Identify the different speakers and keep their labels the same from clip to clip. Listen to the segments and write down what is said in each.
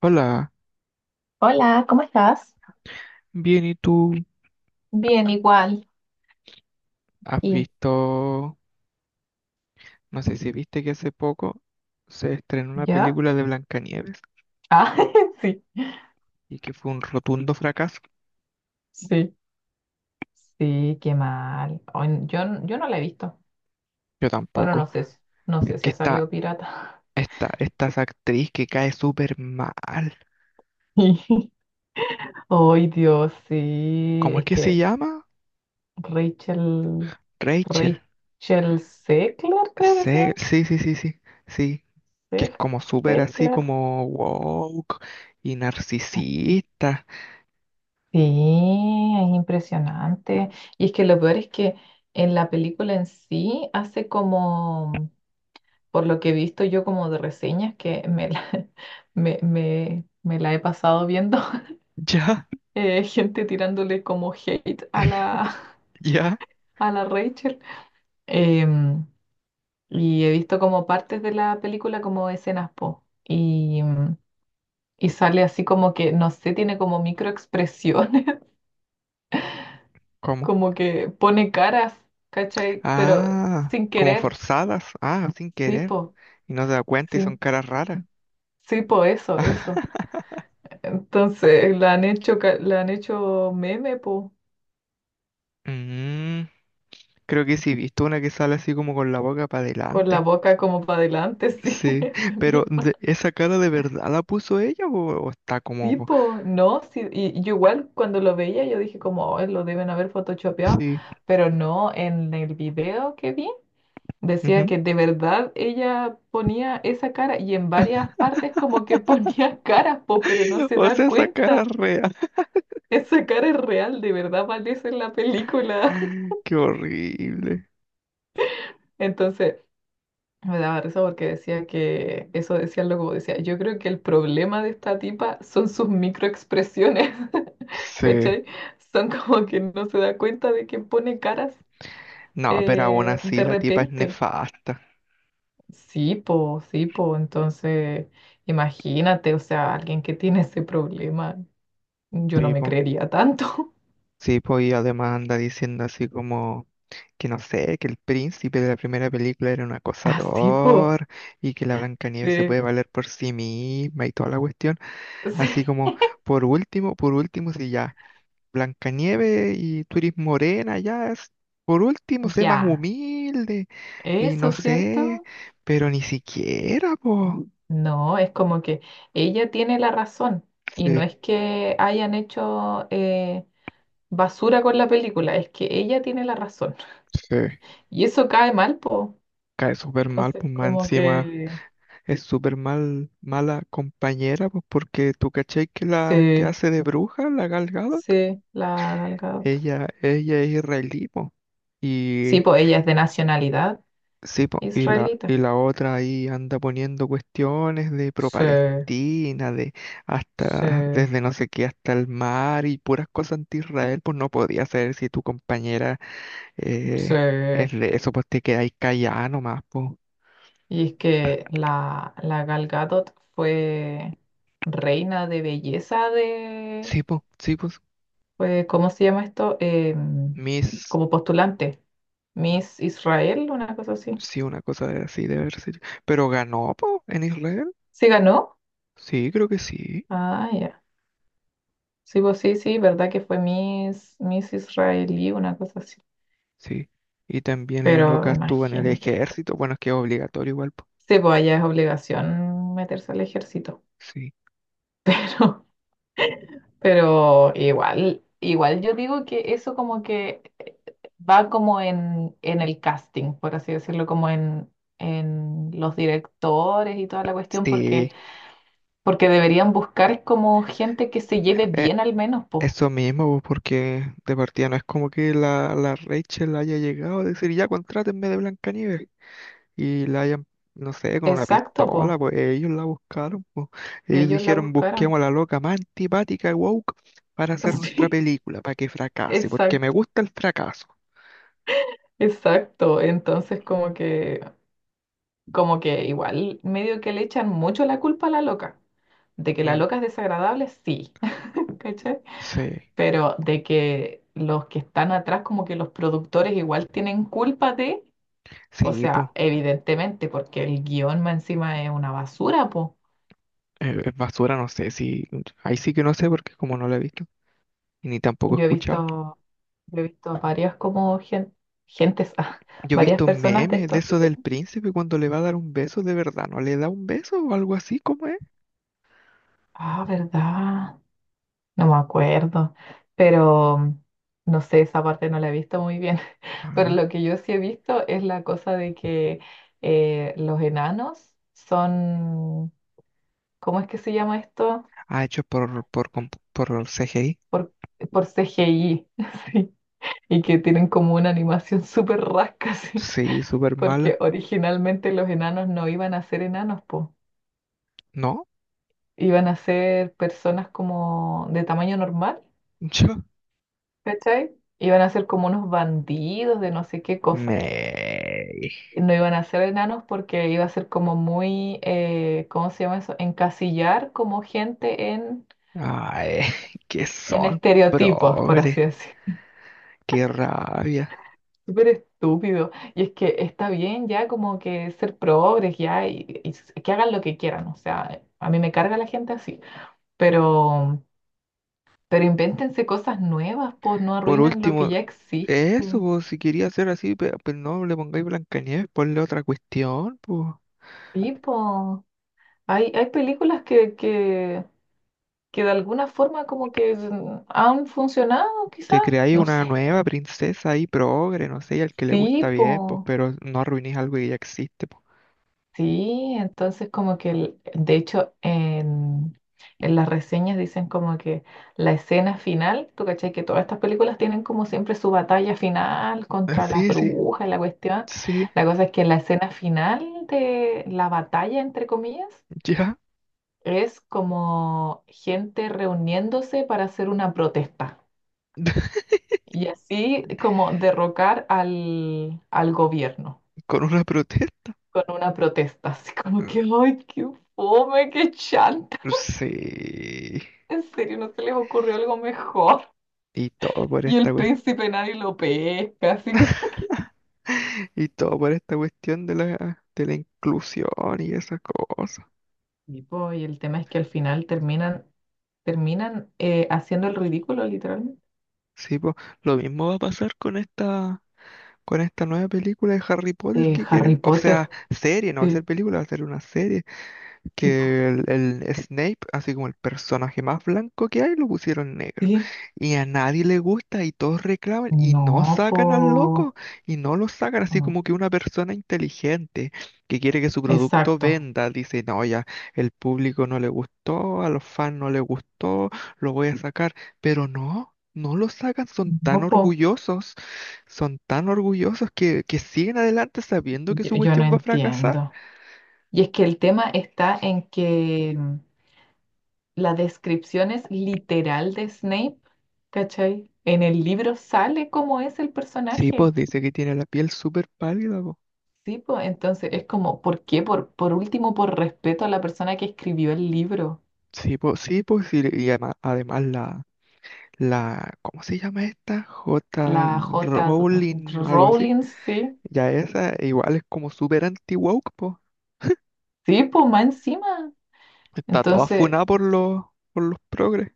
Speaker 1: Hola,
Speaker 2: Hola, ¿cómo estás?
Speaker 1: bien, ¿y tú?
Speaker 2: Bien, igual.
Speaker 1: ¿Has
Speaker 2: ¿Y
Speaker 1: visto, no sé si viste que hace poco se estrenó una
Speaker 2: ¿ya?
Speaker 1: película de Blancanieves
Speaker 2: Ah, sí,
Speaker 1: y que fue un rotundo fracaso?
Speaker 2: sí, sí, qué mal. Ay, yo, yo no la he visto.
Speaker 1: Yo
Speaker 2: Bueno,
Speaker 1: tampoco.
Speaker 2: no sé, no
Speaker 1: Es
Speaker 2: sé si
Speaker 1: que
Speaker 2: ha
Speaker 1: esta,
Speaker 2: salido pirata.
Speaker 1: esta, esta es actriz que cae súper mal.
Speaker 2: Ay, Dios, sí.
Speaker 1: ¿Cómo es
Speaker 2: Es
Speaker 1: que se
Speaker 2: que
Speaker 1: llama?
Speaker 2: Rachel,
Speaker 1: Rachel.
Speaker 2: Rachel Zegler, creo que se
Speaker 1: Sí,
Speaker 2: llama.
Speaker 1: sí, sí, sí, sí, sí, que es
Speaker 2: Zeg-
Speaker 1: como súper así
Speaker 2: Zegler.
Speaker 1: como woke y narcisista.
Speaker 2: Sí, es impresionante. Y es que lo peor es que en la película en sí hace como por lo que he visto yo como de reseñas que me la, me la he pasado viendo,
Speaker 1: Ya,
Speaker 2: gente tirándole como hate a la,
Speaker 1: ya,
Speaker 2: a la Rachel. Em, y he visto como partes de la película como escenas po. Y, y sale así como que, no sé, tiene como microexpresiones,
Speaker 1: como...
Speaker 2: como que pone caras, ¿cachai? Pero
Speaker 1: ah,
Speaker 2: sin
Speaker 1: como
Speaker 2: querer,
Speaker 1: forzadas. Ah, sin
Speaker 2: sí,
Speaker 1: querer.
Speaker 2: po,
Speaker 1: Y no se da cuenta y son
Speaker 2: sin, que-
Speaker 1: caras raras.
Speaker 2: sí, po, eso, eso. Entonces, la han hecho, la han hecho meme, po.
Speaker 1: Mm, creo que sí, he visto una que sale así como con la boca para
Speaker 2: Con la
Speaker 1: adelante.
Speaker 2: boca como para adelante, sí,
Speaker 1: Sí,
Speaker 2: ese
Speaker 1: pero
Speaker 2: mismo
Speaker 1: ¿esa cara de verdad la puso ella o está como...
Speaker 2: tipo, ¿no? Sí, y yo igual cuando lo veía yo dije como, "Oh, lo deben haber photoshopeado,
Speaker 1: Sí.
Speaker 2: pero no, en el video que vi decía
Speaker 1: Ujú.
Speaker 2: que de verdad ella ponía esa cara y en varias partes como que ponía caras, po, pero no se
Speaker 1: O
Speaker 2: da
Speaker 1: sea, esa cara es
Speaker 2: cuenta.
Speaker 1: real.
Speaker 2: Esa cara es real, de verdad aparece en la película.
Speaker 1: Qué horrible.
Speaker 2: Entonces, me daba risa porque decía que, eso decía algo decía, yo creo que el problema de esta tipa son sus microexpresiones,
Speaker 1: Sí.
Speaker 2: ¿cachai? Son como que no se da cuenta de que pone caras
Speaker 1: No, pero aún así
Speaker 2: de
Speaker 1: la tipa es
Speaker 2: repente.
Speaker 1: nefasta.
Speaker 2: Sí, po, entonces imagínate, o sea, alguien que tiene ese problema, yo no me
Speaker 1: Tipo.
Speaker 2: creería tanto.
Speaker 1: Sí, pues y además anda diciendo así como que no sé, que el príncipe de la primera película era un
Speaker 2: Así, po,
Speaker 1: acosador y que la Blancanieves se
Speaker 2: sí,
Speaker 1: puede valer por sí misma y toda la cuestión. Así como,
Speaker 2: sí.
Speaker 1: por último, si ya Blancanieves y tú eres morena, ya es, por último, sé más
Speaker 2: Ya,
Speaker 1: humilde y
Speaker 2: eso,
Speaker 1: no sé,
Speaker 2: ¿cierto?
Speaker 1: pero ni siquiera, pues.
Speaker 2: No, es como que ella tiene la razón y no
Speaker 1: Sí,
Speaker 2: es que hayan hecho basura con la película, es que ella tiene la razón
Speaker 1: sí,
Speaker 2: y eso cae mal, po.
Speaker 1: cae súper mal,
Speaker 2: Entonces,
Speaker 1: pues más
Speaker 2: como
Speaker 1: encima.
Speaker 2: que
Speaker 1: Es súper mal, mala compañera, pues porque tú cachai que la que
Speaker 2: sí,
Speaker 1: hace de bruja, la Gal Gadot,
Speaker 2: sí, la Gal Gadot.
Speaker 1: ella es israelí, po.
Speaker 2: Sí,
Speaker 1: Y
Speaker 2: pues ella es de nacionalidad
Speaker 1: sí, po, y
Speaker 2: israelita.
Speaker 1: la otra ahí anda poniendo cuestiones de
Speaker 2: Sí,
Speaker 1: pro-Palestina, de hasta,
Speaker 2: sí,
Speaker 1: desde no sé qué hasta el mar y puras cosas anti-Israel, pues no podía ser si tu compañera
Speaker 2: sí.
Speaker 1: eh, es de eso, pues te quedáis callada nomás, pues.
Speaker 2: Y es que la, la Gal Gadot fue reina de belleza de
Speaker 1: Sí, pues, sí, pues.
Speaker 2: fue, ¿cómo se llama esto?
Speaker 1: Mis...
Speaker 2: Como postulante. Miss Israel, una cosa así.
Speaker 1: sí, una cosa de- así de haber sido. Pero ganó, po, en Israel.
Speaker 2: ¿Sí ganó?
Speaker 1: Sí, creo que sí.
Speaker 2: Ah, ya. Sí, pues sí, sí, verdad que fue Miss, Miss Israelí, una cosa así.
Speaker 1: Sí. Y también la loca
Speaker 2: Pero
Speaker 1: estuvo en el
Speaker 2: imagínate, po.
Speaker 1: ejército. Bueno, es que es obligatorio igual, po.
Speaker 2: Sí, pues allá es obligación meterse al ejército.
Speaker 1: Sí.
Speaker 2: Pero igual, igual yo digo que eso como que va como en el casting, por así decirlo, como en los directores y toda la cuestión, porque
Speaker 1: Sí.
Speaker 2: porque deberían buscar como gente que se lleve
Speaker 1: Eh,
Speaker 2: bien al menos, po.
Speaker 1: Eso mismo, po, porque de partida no es como que la, la Rachel haya llegado a decir, ya contrátenme de Blancanieves. Y la hayan, no sé, con una
Speaker 2: Exacto,
Speaker 1: pistola,
Speaker 2: po.
Speaker 1: pues ellos la buscaron, po. Ellos
Speaker 2: Ellos la
Speaker 1: dijeron,
Speaker 2: buscaron.
Speaker 1: busquemos a la loca más antipática y woke para hacer nuestra
Speaker 2: Sí,
Speaker 1: película, para que fracase, porque me
Speaker 2: exacto,
Speaker 1: gusta el fracaso.
Speaker 2: exacto. Entonces como que igual medio que le echan mucho la culpa a la loca. De que la
Speaker 1: Mm.
Speaker 2: loca es desagradable, sí. ¿Cachai?
Speaker 1: Sí,
Speaker 2: Pero de que los que están atrás, como que los productores igual tienen culpa de, o
Speaker 1: sí, pues,
Speaker 2: sea, evidentemente, porque el guión más encima es una basura, po.
Speaker 1: basura, no sé, sí, ahí sí que no sé porque como no la he visto y ni tampoco he
Speaker 2: Yo he
Speaker 1: escuchado.
Speaker 2: visto, yo he visto varias como gentes, ah,
Speaker 1: Yo he
Speaker 2: varias
Speaker 1: visto
Speaker 2: personas de
Speaker 1: memes de
Speaker 2: estos
Speaker 1: eso
Speaker 2: videos.
Speaker 1: del príncipe cuando le va a dar un beso de verdad, ¿no le da un beso o algo así como es?
Speaker 2: Ah, ¿verdad? No me acuerdo, pero no sé, esa parte no la he visto muy bien. Pero
Speaker 1: Ah,
Speaker 2: lo que yo sí he visto es la cosa de que los enanos son, ¿cómo es que se llama esto?
Speaker 1: ah, hecho por CGI.
Speaker 2: Por CGI, sí, y que tienen como una animación súper rasca, sí,
Speaker 1: Sí, súper
Speaker 2: porque
Speaker 1: mala.
Speaker 2: originalmente los enanos no iban a ser enanos, pues
Speaker 1: ¿No?
Speaker 2: iban a ser personas como de tamaño normal,
Speaker 1: Yo.
Speaker 2: ¿cachai? Iban a ser como unos bandidos de no sé qué cosa.
Speaker 1: Me.
Speaker 2: Y no iban a ser enanos porque iba a ser como muy, ¿cómo se llama eso? Encasillar como gente
Speaker 1: Ay, que
Speaker 2: en
Speaker 1: son
Speaker 2: estereotipos, por
Speaker 1: progres.
Speaker 2: así decir.
Speaker 1: Qué rabia.
Speaker 2: Súper estúpido. Y es que está bien ya como que ser progres ya y, que hagan lo que quieran. O sea, a mí me carga la gente así. Pero, pero invéntense cosas nuevas, pues no
Speaker 1: Por
Speaker 2: arruinen lo que
Speaker 1: último,
Speaker 2: ya existe.
Speaker 1: eso, pues, si quería hacer así, pues, no le pongáis Blancanieves, ponle otra cuestión, pues.
Speaker 2: Sí, po. Hay películas que de alguna forma como que han funcionado, quizás,
Speaker 1: Te creáis
Speaker 2: no
Speaker 1: una
Speaker 2: sé.
Speaker 1: nueva princesa ahí progre, no sé, y al que le
Speaker 2: Sí,
Speaker 1: gusta bien, pues,
Speaker 2: po.
Speaker 1: pero no arruinéis algo que ya existe, pues.
Speaker 2: Sí, entonces como que, de hecho, en las reseñas dicen como que la escena final, tú cachai que todas estas películas tienen como siempre su batalla final
Speaker 1: Ah,
Speaker 2: contra las
Speaker 1: sí, sí,
Speaker 2: brujas, y la cuestión.
Speaker 1: sí,
Speaker 2: La cosa es que la escena final de la batalla, entre comillas,
Speaker 1: ya.
Speaker 2: es como gente reuniéndose para hacer una protesta y así como derrocar al, al gobierno
Speaker 1: Con una protesta.
Speaker 2: con una protesta, así como
Speaker 1: Mm,
Speaker 2: que, ay, qué fome, qué chanta,
Speaker 1: sí.
Speaker 2: en serio, no se les ocurrió algo mejor.
Speaker 1: Y todo por
Speaker 2: Y
Speaker 1: esta
Speaker 2: el
Speaker 1: cuestión.
Speaker 2: príncipe nadie lo pesca, así como que...
Speaker 1: Y todo por esta cuestión de la inclusión y esas cosas.
Speaker 2: Y, po, y el tema es que al final terminan, terminan haciendo el ridículo, literalmente,
Speaker 1: Sí, pues, lo mismo va a pasar con esta. Con esta nueva película de Harry Potter
Speaker 2: de
Speaker 1: que
Speaker 2: Harry
Speaker 1: quieren. O sea,
Speaker 2: Potter.
Speaker 1: serie, no va a
Speaker 2: Sí,
Speaker 1: ser película, va a ser una serie
Speaker 2: sí, po,
Speaker 1: que el Snape, así como el personaje más blanco que hay, lo pusieron negro.
Speaker 2: sí.
Speaker 1: Y a nadie le gusta y todos reclaman y no
Speaker 2: No,
Speaker 1: sacan al loco
Speaker 2: po.
Speaker 1: y no lo sacan, así como que una persona inteligente que quiere que su producto
Speaker 2: Exacto.
Speaker 1: venda, dice, no, ya, el público no le gustó, a los fans no le gustó, lo voy a sacar, pero no. No lo sacan,
Speaker 2: No, po,
Speaker 1: son tan orgullosos que siguen adelante sabiendo que
Speaker 2: yo,
Speaker 1: su
Speaker 2: yo no
Speaker 1: cuestión va a fracasar.
Speaker 2: entiendo. Y es que el tema está en que la descripción es literal de Snape, ¿cachai? En el libro sale cómo es el
Speaker 1: Sí, pues
Speaker 2: personaje.
Speaker 1: dice que tiene la piel súper pálida, pues.
Speaker 2: Sí, pues entonces es como, ¿por qué? Por último, por respeto a la persona que escribió el libro,
Speaker 1: Sí, pues, sí, pues, y además, además la, la, ¿cómo se llama esta? J.
Speaker 2: la J.
Speaker 1: Rowling, algo así.
Speaker 2: Rowling, sí.
Speaker 1: Ya esa igual es como súper anti-woke, pues.
Speaker 2: Sí, pues más encima.
Speaker 1: Está toda
Speaker 2: Entonces,
Speaker 1: funada por los progres.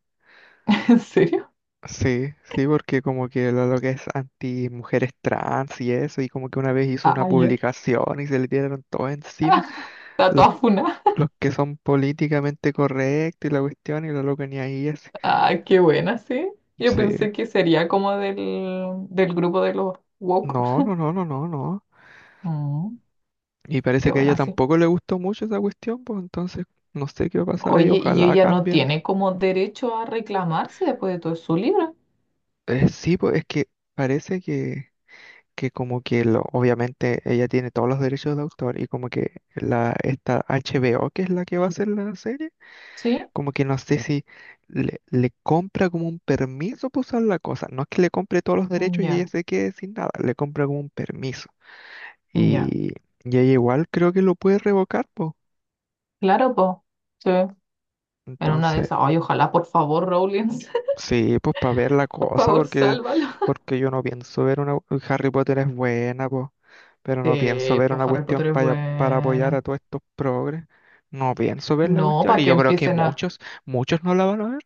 Speaker 2: ¿en serio?
Speaker 1: Sí, sí, porque como que lo que es anti mujeres trans y eso, y como que una vez hizo una
Speaker 2: Ah, ya.
Speaker 1: publicación y se le tiraron todo encima,
Speaker 2: Está
Speaker 1: los,
Speaker 2: toda funada.
Speaker 1: los que son políticamente correctos y la cuestión, y lo loca ni ahí es.
Speaker 2: Ah, qué buena, sí. Yo
Speaker 1: Sí.
Speaker 2: pensé que sería como del, del grupo de los woke.
Speaker 1: No, no, no, no, no, no.
Speaker 2: Mm,
Speaker 1: Y
Speaker 2: qué
Speaker 1: parece que a ella
Speaker 2: buena, sí.
Speaker 1: tampoco le gustó mucho esa cuestión, pues entonces no sé qué va a pasar ahí,
Speaker 2: Oye, y
Speaker 1: ojalá
Speaker 2: ella no
Speaker 1: cambien.
Speaker 2: tiene como derecho a reclamar si después de todo es su libro,
Speaker 1: Sí, pues es que parece que como que lo, obviamente ella tiene todos los derechos de autor y como que la esta HBO, que es la que va a hacer la serie,
Speaker 2: ¿sí?
Speaker 1: como que no sé si le compra como un permiso para usar la cosa. No es que le compre todos los
Speaker 2: Mm,
Speaker 1: derechos y ella
Speaker 2: ya,
Speaker 1: se quede sin nada, le compra como un permiso.
Speaker 2: mm, ya.
Speaker 1: Y, y ella igual creo que lo puede revocar, pues.
Speaker 2: Claro, po. Sí. En una de
Speaker 1: Entonces...
Speaker 2: esas. Ay, ojalá, por favor, Rowling,
Speaker 1: Sí, pues para ver la
Speaker 2: por
Speaker 1: cosa,
Speaker 2: favor,
Speaker 1: porque,
Speaker 2: sálvalo.
Speaker 1: porque yo no pienso ver una... Harry Potter es buena, pues, pero no pienso
Speaker 2: Sí,
Speaker 1: ver
Speaker 2: pues
Speaker 1: una
Speaker 2: Harry
Speaker 1: cuestión
Speaker 2: Potter es
Speaker 1: para apoyar
Speaker 2: buena.
Speaker 1: a todos estos progres. No pienso ver la
Speaker 2: No,
Speaker 1: cuestión,
Speaker 2: para
Speaker 1: y
Speaker 2: que
Speaker 1: yo creo que
Speaker 2: empiecen a.
Speaker 1: muchos, muchos no la van a ver.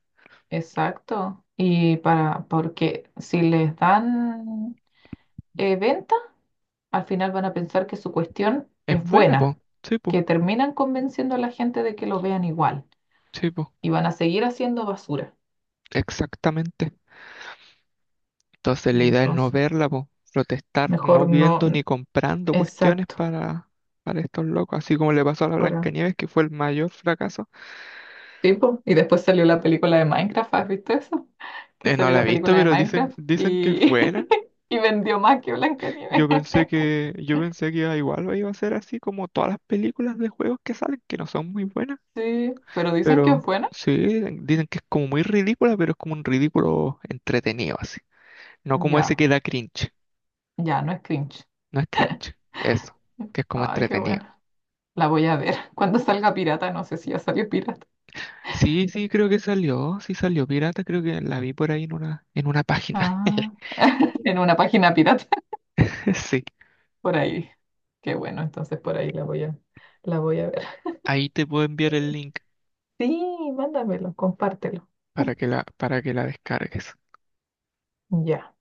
Speaker 2: Exacto. Y para, porque si les dan eventos al final van a pensar que su cuestión
Speaker 1: Es
Speaker 2: es
Speaker 1: buena, pues,
Speaker 2: buena,
Speaker 1: sí, pues,
Speaker 2: que terminan convenciendo a la gente de que lo vean igual
Speaker 1: sí, pues,
Speaker 2: y van a seguir haciendo basura.
Speaker 1: exactamente. Entonces la idea es no
Speaker 2: Entonces,
Speaker 1: verla, pues, protestar
Speaker 2: mejor
Speaker 1: no viendo ni
Speaker 2: no.
Speaker 1: comprando cuestiones
Speaker 2: Exacto.
Speaker 1: para estos locos, así como le pasó a la
Speaker 2: Ahora,
Speaker 1: Blancanieves, que fue el mayor fracaso.
Speaker 2: sí, po. Y después salió la película de Minecraft, ¿has visto eso? Que
Speaker 1: No
Speaker 2: salió
Speaker 1: la he
Speaker 2: la
Speaker 1: visto,
Speaker 2: película de
Speaker 1: pero dicen,
Speaker 2: Minecraft
Speaker 1: dicen que es
Speaker 2: y,
Speaker 1: buena.
Speaker 2: y vendió más que Blancanieves.
Speaker 1: Yo pensé que iba- igual iba a ser así como todas las películas de juegos que salen, que no son muy buenas,
Speaker 2: Sí, pero dicen que es
Speaker 1: pero
Speaker 2: buena.
Speaker 1: sí, dicen que es como muy ridícula, pero es como un ridículo entretenido así. No como ese
Speaker 2: Ya,
Speaker 1: que da cringe,
Speaker 2: ya, no es cringe.
Speaker 1: no es cringe, eso, que es como
Speaker 2: Ay, qué
Speaker 1: entretenido.
Speaker 2: buena. La voy a ver. Cuando salga pirata, no sé si ya salió pirata.
Speaker 1: Sí, sí, creo que salió, sí salió pirata, creo que la vi por ahí en una página.
Speaker 2: Ah, en una página pirata.
Speaker 1: Sí,
Speaker 2: Por ahí. Qué bueno, entonces por ahí la voy a ver.
Speaker 1: ahí te puedo enviar el link
Speaker 2: Sí, mándamelo, compártelo.
Speaker 1: para que la descargues.
Speaker 2: Ya,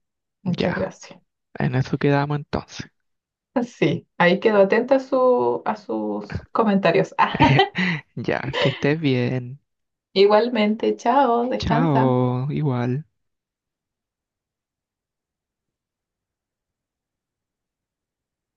Speaker 2: muchas
Speaker 1: Ya,
Speaker 2: gracias.
Speaker 1: en eso quedamos entonces.
Speaker 2: Sí, ahí quedo atenta a su, a sus comentarios.
Speaker 1: Ya, que estés bien.
Speaker 2: Igualmente, chao, descansa.
Speaker 1: Chao, igual.